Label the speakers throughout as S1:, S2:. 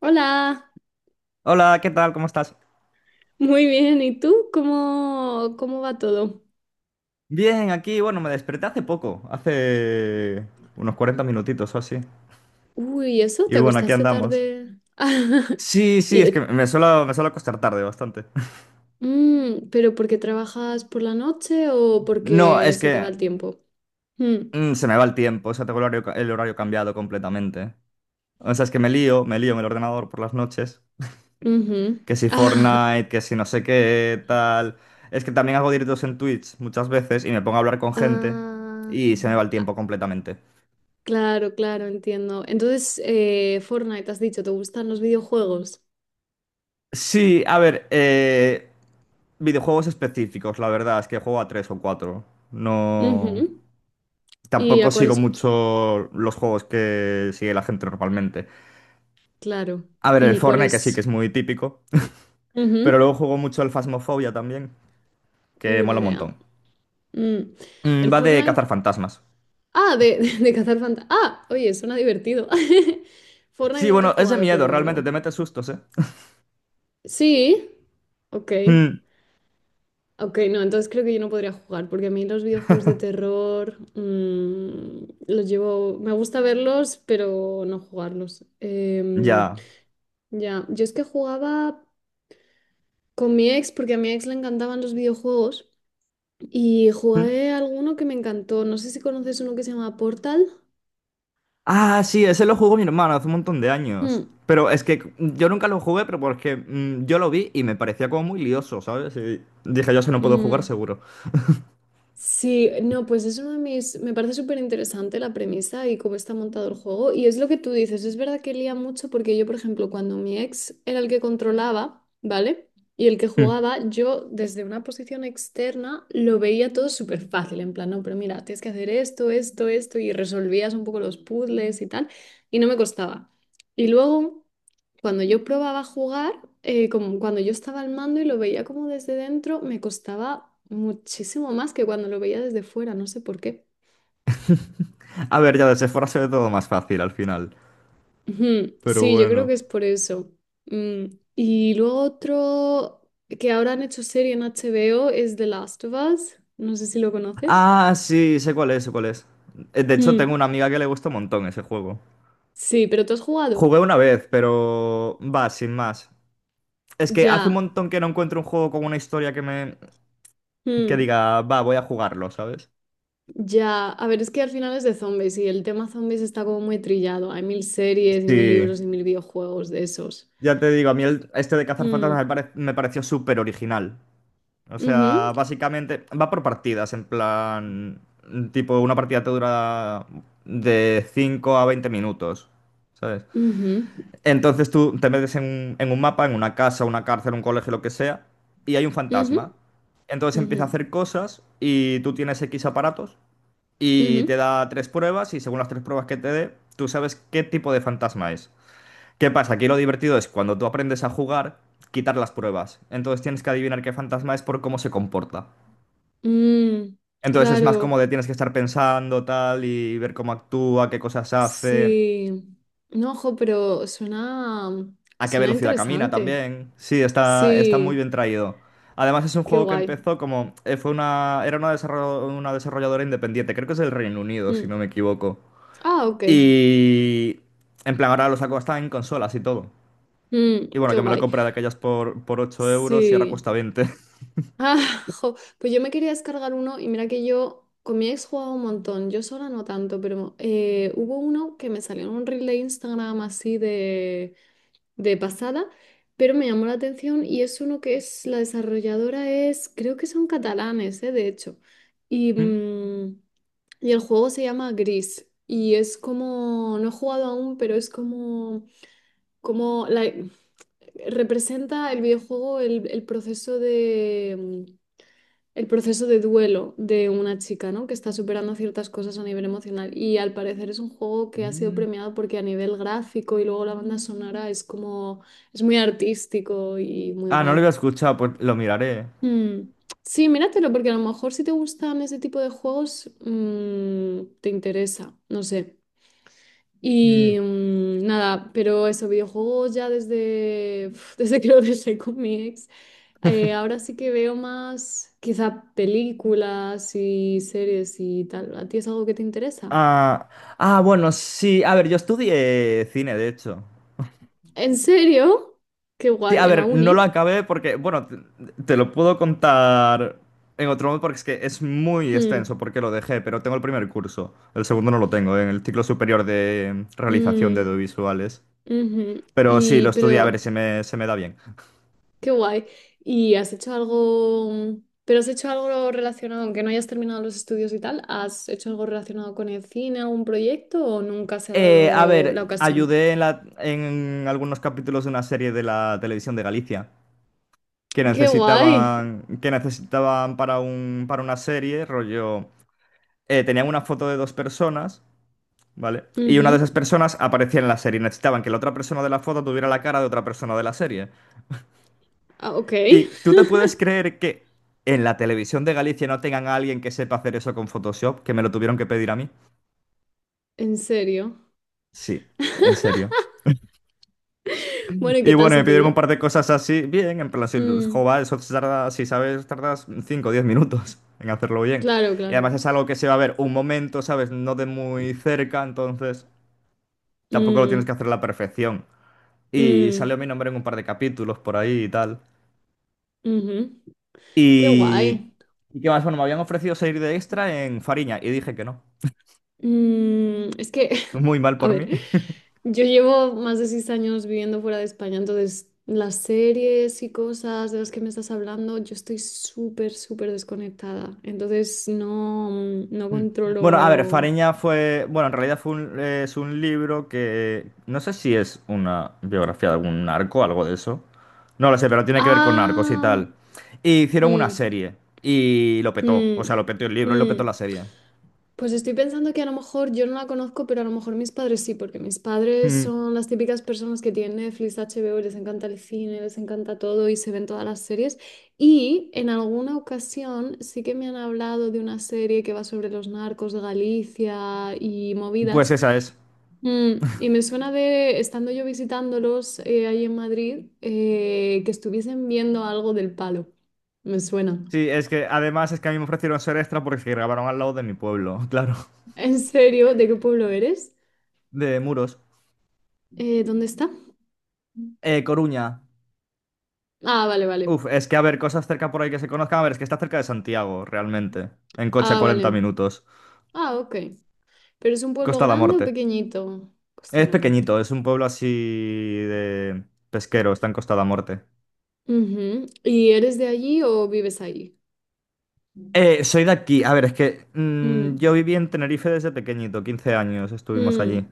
S1: Hola,
S2: Hola, ¿qué tal? ¿Cómo estás?
S1: muy bien. ¿Y tú? ¿Cómo va todo?
S2: Bien, aquí, bueno, me desperté hace poco, hace unos 40 minutitos o así.
S1: Uy, ¿eso?
S2: Y
S1: ¿Te
S2: bueno, aquí
S1: acostaste
S2: andamos.
S1: tarde?
S2: Sí, sí,
S1: Y,
S2: es que me suelo acostar tarde bastante.
S1: ¿pero porque trabajas por la noche o
S2: No,
S1: porque
S2: es
S1: se te va
S2: que
S1: el tiempo? Mm,
S2: se me va el tiempo, o sea, tengo el horario, el horario cambiado completamente. O sea, es que me lío en el ordenador por las noches.
S1: ujú.
S2: Que si
S1: Ah,
S2: Fortnite, que si no sé qué, tal. Es que también hago directos en Twitch muchas veces y me pongo a hablar con gente
S1: ah,
S2: y se me va el
S1: ah,
S2: tiempo completamente.
S1: claro, claro, entiendo. Entonces, Fortnite, has dicho, ¿te gustan los videojuegos?
S2: Sí, a ver, videojuegos específicos, la verdad, es que juego a tres o cuatro. No.
S1: Ujú. ¿Y
S2: Tampoco
S1: a
S2: sigo
S1: cuáles?
S2: mucho los juegos que sigue la gente normalmente.
S1: Claro.
S2: A ver, el
S1: ¿Y
S2: Fortnite, que sí
S1: cuáles?
S2: que es muy típico. Pero
S1: Ujú.
S2: luego juego mucho el Phasmophobia también, que
S1: Una
S2: mola un
S1: idea.
S2: montón.
S1: Mm. El
S2: Va de cazar
S1: Fortnite.
S2: fantasmas.
S1: Ah, de cazar fantasmas. Ah, oye, suena divertido. Fortnite
S2: Sí,
S1: nunca he
S2: bueno, es de
S1: jugado,
S2: miedo, realmente,
S1: pero.
S2: te metes sustos, ¿eh?
S1: Sí. Ok.
S2: Mm,
S1: Ok, no, entonces creo que yo no podría jugar, porque a mí los videojuegos de terror los llevo. Me gusta verlos, pero no jugarlos.
S2: ya.
S1: Ya, yo es que jugaba con mi ex, porque a mi ex le encantaban los videojuegos, y
S2: Mm.
S1: jugué alguno que me encantó. No sé si conoces uno que se llama Portal.
S2: Ah, sí, ese lo jugó mi hermano hace un montón de
S1: Hmm,
S2: años. Pero es que yo nunca lo jugué, pero porque yo lo vi y me parecía como muy lioso, ¿sabes? Y dije, yo si no puedo jugar,
S1: mm.
S2: seguro.
S1: Sí, no, pues es uno de mis, me parece súper interesante la premisa y cómo está montado el juego. Y es lo que tú dices, es verdad que lía mucho porque yo, por ejemplo, cuando mi ex era el que controlaba, ¿vale? Y el que
S2: Mm.
S1: jugaba, yo desde una posición externa lo veía todo súper fácil, en plan, no, pero mira, tienes que hacer esto, esto, esto, y resolvías un poco los puzzles y tal, y no me costaba. Y luego. Cuando yo probaba a jugar, como cuando yo estaba al mando y lo veía como desde dentro, me costaba muchísimo más que cuando lo veía desde fuera, no sé por qué.
S2: A ver, ya desde fuera se ve todo más fácil al final.
S1: Ujú,
S2: Pero
S1: sí, yo creo que
S2: bueno.
S1: es por eso. Mm, y luego otro que ahora han hecho serie en HBO es The Last of Us. No sé si lo conoces.
S2: Ah, sí, sé cuál es, sé cuál es. De hecho,
S1: Mm,
S2: tengo una amiga que le gusta un montón ese juego.
S1: sí, pero ¿tú has jugado?
S2: Jugué una vez, pero va, sin más. Es que hace un
S1: Ya.
S2: montón que no encuentro un juego con una historia que me... Que
S1: Mm,
S2: diga, va, voy a jugarlo, ¿sabes?
S1: ya. A ver, es que al final es de zombies y el tema zombies está como muy trillado. Hay mil series y mil
S2: Sí.
S1: libros y mil videojuegos de esos.
S2: Ya te digo, a mí este de cazar fantasmas
S1: Mm,
S2: me pareció súper original. O
S1: ujú,
S2: sea, básicamente va por partidas, en plan, tipo, una partida te dura de 5 a 20 minutos, ¿sabes?
S1: ujú,
S2: Entonces tú te metes en, en un mapa, en una casa, una cárcel, un colegio, lo que sea, y hay un
S1: ujú,
S2: fantasma. Entonces
S1: ujú,
S2: empieza a hacer cosas y tú tienes X aparatos y te
S1: ujú.
S2: da tres pruebas y según las tres pruebas que te dé, tú sabes qué tipo de fantasma es. ¿Qué pasa? Aquí lo divertido es cuando tú aprendes a jugar, quitar las pruebas. Entonces tienes que adivinar qué fantasma es por cómo se comporta.
S1: Mm,
S2: Entonces es más como
S1: claro,
S2: de tienes que estar pensando tal y ver cómo actúa, qué cosas hace,
S1: sí. No, ojo, pero suena,
S2: a qué
S1: suena
S2: velocidad camina
S1: interesante.
S2: también. Sí, está, está muy
S1: Sí,
S2: bien traído. Además es un
S1: qué
S2: juego que
S1: guay.
S2: empezó como... Fue una, era una, desarro- una desarrolladora independiente, creo que es del Reino Unido, si
S1: Mm.
S2: no me equivoco.
S1: Ah, ok.
S2: Y... En plan, ahora lo saco hasta en consolas y todo.
S1: Mm,
S2: Y bueno,
S1: qué
S2: que me lo
S1: guay.
S2: compré de aquellas por 8 euros y ahora
S1: Sí.
S2: cuesta 20.
S1: Ah, jo, pues yo me quería descargar uno y mira que yo con mi ex jugaba un montón, yo sola no tanto, pero hubo uno que me salió en un reel de Instagram así de pasada, pero me llamó la atención y es uno que es, la desarrolladora es, creo que son catalanes, de hecho. Y, mm, y el juego se llama Gris. Y es como, no he jugado aún, pero es como, como la- representa el videojuego, el proceso de el proceso de duelo de una chica, ¿no? Que está superando ciertas cosas a nivel emocional. Y al parecer es un juego que ha sido
S2: Mm.
S1: premiado porque a nivel gráfico y luego la banda sonora es como, es muy artístico y muy
S2: Ah, no lo
S1: guay.
S2: había escuchado, pues lo miraré.
S1: Mm. Sí, míratelo, porque a lo mejor si te gustan ese tipo de juegos, te interesa, no sé. Y
S2: Mm,
S1: nada, pero eso, videojuegos ya desde que lo dejé con mi ex. Ahora sí que veo más quizá películas y series y tal. ¿A ti es algo que te interesa?
S2: Ah, ah, bueno, sí. A ver, yo estudié cine, de hecho.
S1: ¿En serio? Qué
S2: Sí,
S1: guay,
S2: a
S1: en la
S2: ver, no lo
S1: uni.
S2: acabé porque, bueno, te lo puedo contar en otro modo porque es que es muy
S1: Mm,
S2: extenso porque lo dejé, pero tengo el primer curso. El segundo no lo tengo, en el ciclo superior de realización de
S1: mm,
S2: audiovisuales.
S1: ujú.
S2: Pero sí,
S1: Y
S2: lo estudié, a ver,
S1: pero,
S2: se me da bien.
S1: qué guay. ¿Y has hecho algo, mm, pero has hecho algo relacionado, aunque no hayas terminado los estudios y tal, ¿has hecho algo relacionado con el cine, algún proyecto o nunca se ha
S2: A
S1: dado la
S2: ver,
S1: ocasión?
S2: ayudé en, en algunos capítulos de una serie de la televisión de Galicia, que
S1: Qué guay.
S2: necesitaban, que necesitaban para para una serie, rollo, tenían una foto de dos personas, ¿vale? Y
S1: Ujú.
S2: una de esas personas aparecía en la serie. Necesitaban que la otra persona de la foto tuviera la cara de otra persona de la serie.
S1: Ah, ok,
S2: Y tú te puedes creer que en la televisión de Galicia no tengan a alguien que sepa hacer eso con Photoshop, que me lo tuvieron que pedir a mí.
S1: en serio.
S2: Sí, en serio.
S1: Bueno, ¿y qué
S2: Y
S1: tal
S2: bueno,
S1: se
S2: me
S1: te
S2: pidieron
S1: dio?
S2: compartir cosas así, bien, en plan, si el
S1: Mm,
S2: jova, eso se tarda, si sabes, tardas 5, o 10 minutos en hacerlo bien.
S1: claro,
S2: Y
S1: claro.
S2: además es algo que se va a ver un momento, ¿sabes? No de muy cerca, entonces tampoco lo tienes
S1: Mm,
S2: que hacer a la perfección. Y
S1: mm,
S2: salió mi nombre en un par de capítulos por ahí y tal.
S1: ujú. Qué
S2: Y...
S1: guay.
S2: ¿Y qué más? Bueno, me habían ofrecido salir de extra en Fariña y dije que no.
S1: Mm, es que,
S2: Muy mal
S1: a
S2: por
S1: ver,
S2: mí.
S1: yo llevo más de 6 años viviendo fuera de España, entonces las series y cosas de las que me estás hablando, yo estoy súper, súper desconectada. Entonces no, no
S2: Bueno, a ver,
S1: controlo.
S2: Fariña fue, bueno, en realidad es un libro que no sé si es una biografía de algún narco, algo de eso. No lo sé, pero tiene que ver con narcos y
S1: Ah,
S2: tal. Y hicieron una
S1: mm,
S2: serie y lo petó, o
S1: mm,
S2: sea, lo petó el libro y lo petó
S1: mm.
S2: la serie.
S1: Pues estoy pensando que a lo mejor yo no la conozco, pero a lo mejor mis padres sí, porque mis padres
S2: Mm,
S1: son las típicas personas que tienen Netflix, HBO, y les encanta el cine, les encanta todo y se ven todas las series. Y en alguna ocasión sí que me han hablado de una serie que va sobre los narcos de Galicia y
S2: pues
S1: movidas.
S2: esa es.
S1: Mm, y me suena de, estando yo visitándolos ahí en Madrid, que estuviesen viendo algo del palo. Me suena.
S2: Sí, es que además es que a mí me ofrecieron ser extra porque se grabaron al lado de mi pueblo, claro,
S1: ¿En serio? ¿De qué pueblo eres?
S2: de Muros.
S1: ¿Dónde está?
S2: Coruña.
S1: Ah, vale, vale.
S2: Uf, es que a ver, cosas cerca por ahí que se conozcan, a ver, es que está cerca de Santiago, realmente. En coche a
S1: Ah,
S2: 40
S1: vale.
S2: minutos.
S1: Ah, ok. ¿Pero es un pueblo
S2: Costa da
S1: grande o
S2: Morte.
S1: pequeñito? Costa de
S2: Es
S1: la Muerte.
S2: pequeñito, es un pueblo así de pesquero, está en Costa de la Morte.
S1: Ujú. ¿Y eres de allí o vives allí? Mm,
S2: Soy de aquí. A ver, es que yo viví en Tenerife desde pequeñito, 15 años estuvimos allí.
S1: mm,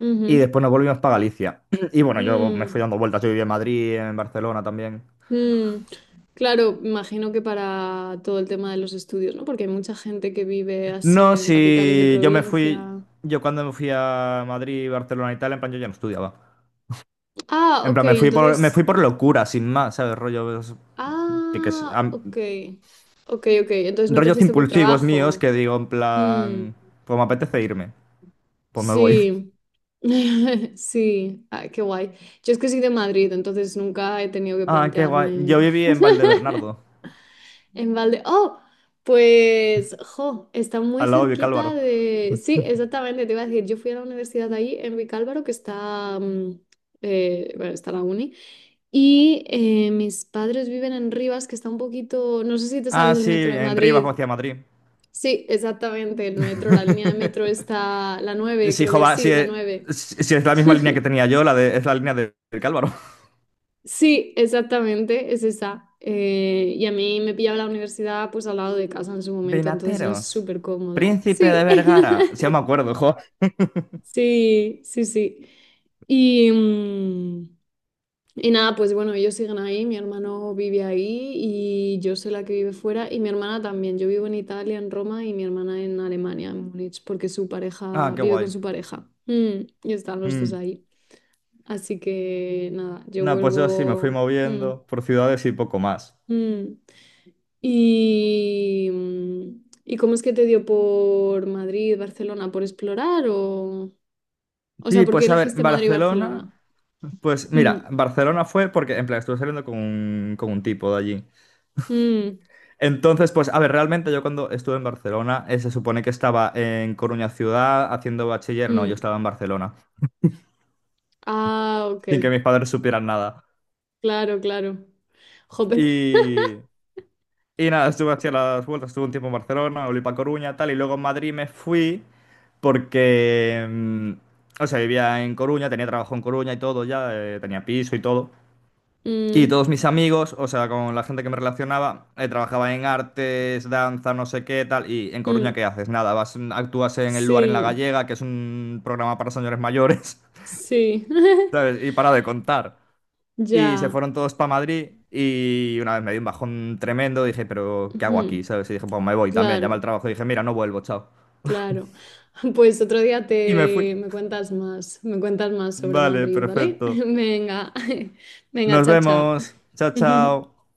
S1: ujú,
S2: Y después nos volvimos para Galicia. Y bueno, yo me fui
S1: mm,
S2: dando vueltas, yo viví en Madrid, en Barcelona también.
S1: mm. Claro, imagino que para todo el tema de los estudios, ¿no? Porque hay mucha gente que vive así
S2: No,
S1: en capitales de
S2: si yo me fui,
S1: provincia.
S2: yo cuando me fui a Madrid, Barcelona y tal, en plan yo ya no estudiaba.
S1: Ah,
S2: En
S1: ok,
S2: plan, me
S1: entonces.
S2: fui por locura, sin más, ¿sabes? Tiques-
S1: Ah,
S2: am-
S1: ok. Ok, ok. Entonces no te
S2: Rollos
S1: fuiste por
S2: impulsivos míos que
S1: trabajo.
S2: digo, en
S1: Mm,
S2: plan, pues me apetece irme. Pues me voy.
S1: sí, sí, ah, qué guay. Yo es que soy de Madrid, entonces nunca he tenido que
S2: Ah, qué guay. Yo
S1: plantearme
S2: viví en Valdebernardo,
S1: en balde. Oh, pues, jo, está muy
S2: al lado de
S1: cerquita
S2: Vicálvaro.
S1: de. Sí, exactamente, te iba a decir, yo fui a la universidad de ahí, en Vicálvaro, que está, bueno, está la uni, y mis padres viven en Rivas, que está un poquito, no sé si te
S2: Ah,
S1: sabes el
S2: sí,
S1: metro de
S2: en Rivas,
S1: Madrid.
S2: hacia Madrid.
S1: Sí, exactamente, el metro, la línea de metro está, la 9,
S2: Sí,
S1: creo que
S2: jova, sí,
S1: sí, la 9.
S2: sí, sí, es la misma línea que tenía yo, es la línea de Vicálvaro.
S1: Sí, exactamente, es esa. Y a mí me pillaba la universidad pues al lado de casa en su momento, entonces era
S2: Benateros.
S1: súper cómodo.
S2: Príncipe de
S1: Sí,
S2: Vergara. Sí, me acuerdo, jo.
S1: sí, sí, sí. Y, mm, y nada, pues bueno, ellos siguen ahí, mi hermano vive ahí y yo soy la que vive fuera y mi hermana también. Yo vivo en Italia, en Roma y mi hermana en Alemania, en Múnich, porque su
S2: Ah,
S1: pareja
S2: qué
S1: vive
S2: guay.
S1: con su pareja. Mm, y están los dos
S2: Mm.
S1: ahí. Así que nada, yo
S2: No, pues yo sí me fui
S1: vuelvo. Mm,
S2: moviendo por ciudades y poco más.
S1: mm. ¿Y cómo es que te dio por Madrid, Barcelona, por explorar o? O sea,
S2: Sí,
S1: ¿por qué
S2: pues a ver,
S1: elegiste Madrid y
S2: Barcelona.
S1: Barcelona?
S2: Pues
S1: Mm,
S2: mira, Barcelona fue porque, en plan, estuve saliendo con un tipo de allí.
S1: mm,
S2: Entonces, pues, a ver, realmente yo cuando estuve en Barcelona, se supone que estaba en Coruña ciudad haciendo bachiller, no, yo
S1: mm.
S2: estaba en Barcelona,
S1: Ah, ok.
S2: sin que mis padres supieran nada.
S1: Claro, claro. Jope.
S2: Y, y nada, estuve haciendo las vueltas, estuve un tiempo en Barcelona, volví para Coruña, tal, y luego en Madrid me fui porque, o sea, vivía en Coruña, tenía trabajo en Coruña y todo ya, tenía piso y todo. Y todos
S1: Mm,
S2: mis amigos, o sea, con la gente que me relacionaba, trabajaba en artes, danza, no sé qué, tal. Y en Coruña,
S1: mm.
S2: ¿qué haces? Nada, vas, actúas en el lugar en La
S1: Sí,
S2: Gallega, que es un programa para señores mayores,
S1: sí.
S2: ¿sabes? Y para de contar. Y se
S1: Ya.
S2: fueron todos para Madrid y una vez me di un bajón tremendo, dije, pero ¿qué hago
S1: Ujú.
S2: aquí? ¿Sabes? Y dije, pues me voy también, llamé al
S1: Claro,
S2: trabajo y dije, mira, no vuelvo, chao.
S1: claro. Pues otro día
S2: Y me fui.
S1: te me cuentas más sobre
S2: Vale,
S1: Madrid, ¿vale?
S2: perfecto.
S1: Venga. Venga,
S2: Nos
S1: chao, chao.
S2: vemos. Chao, chao.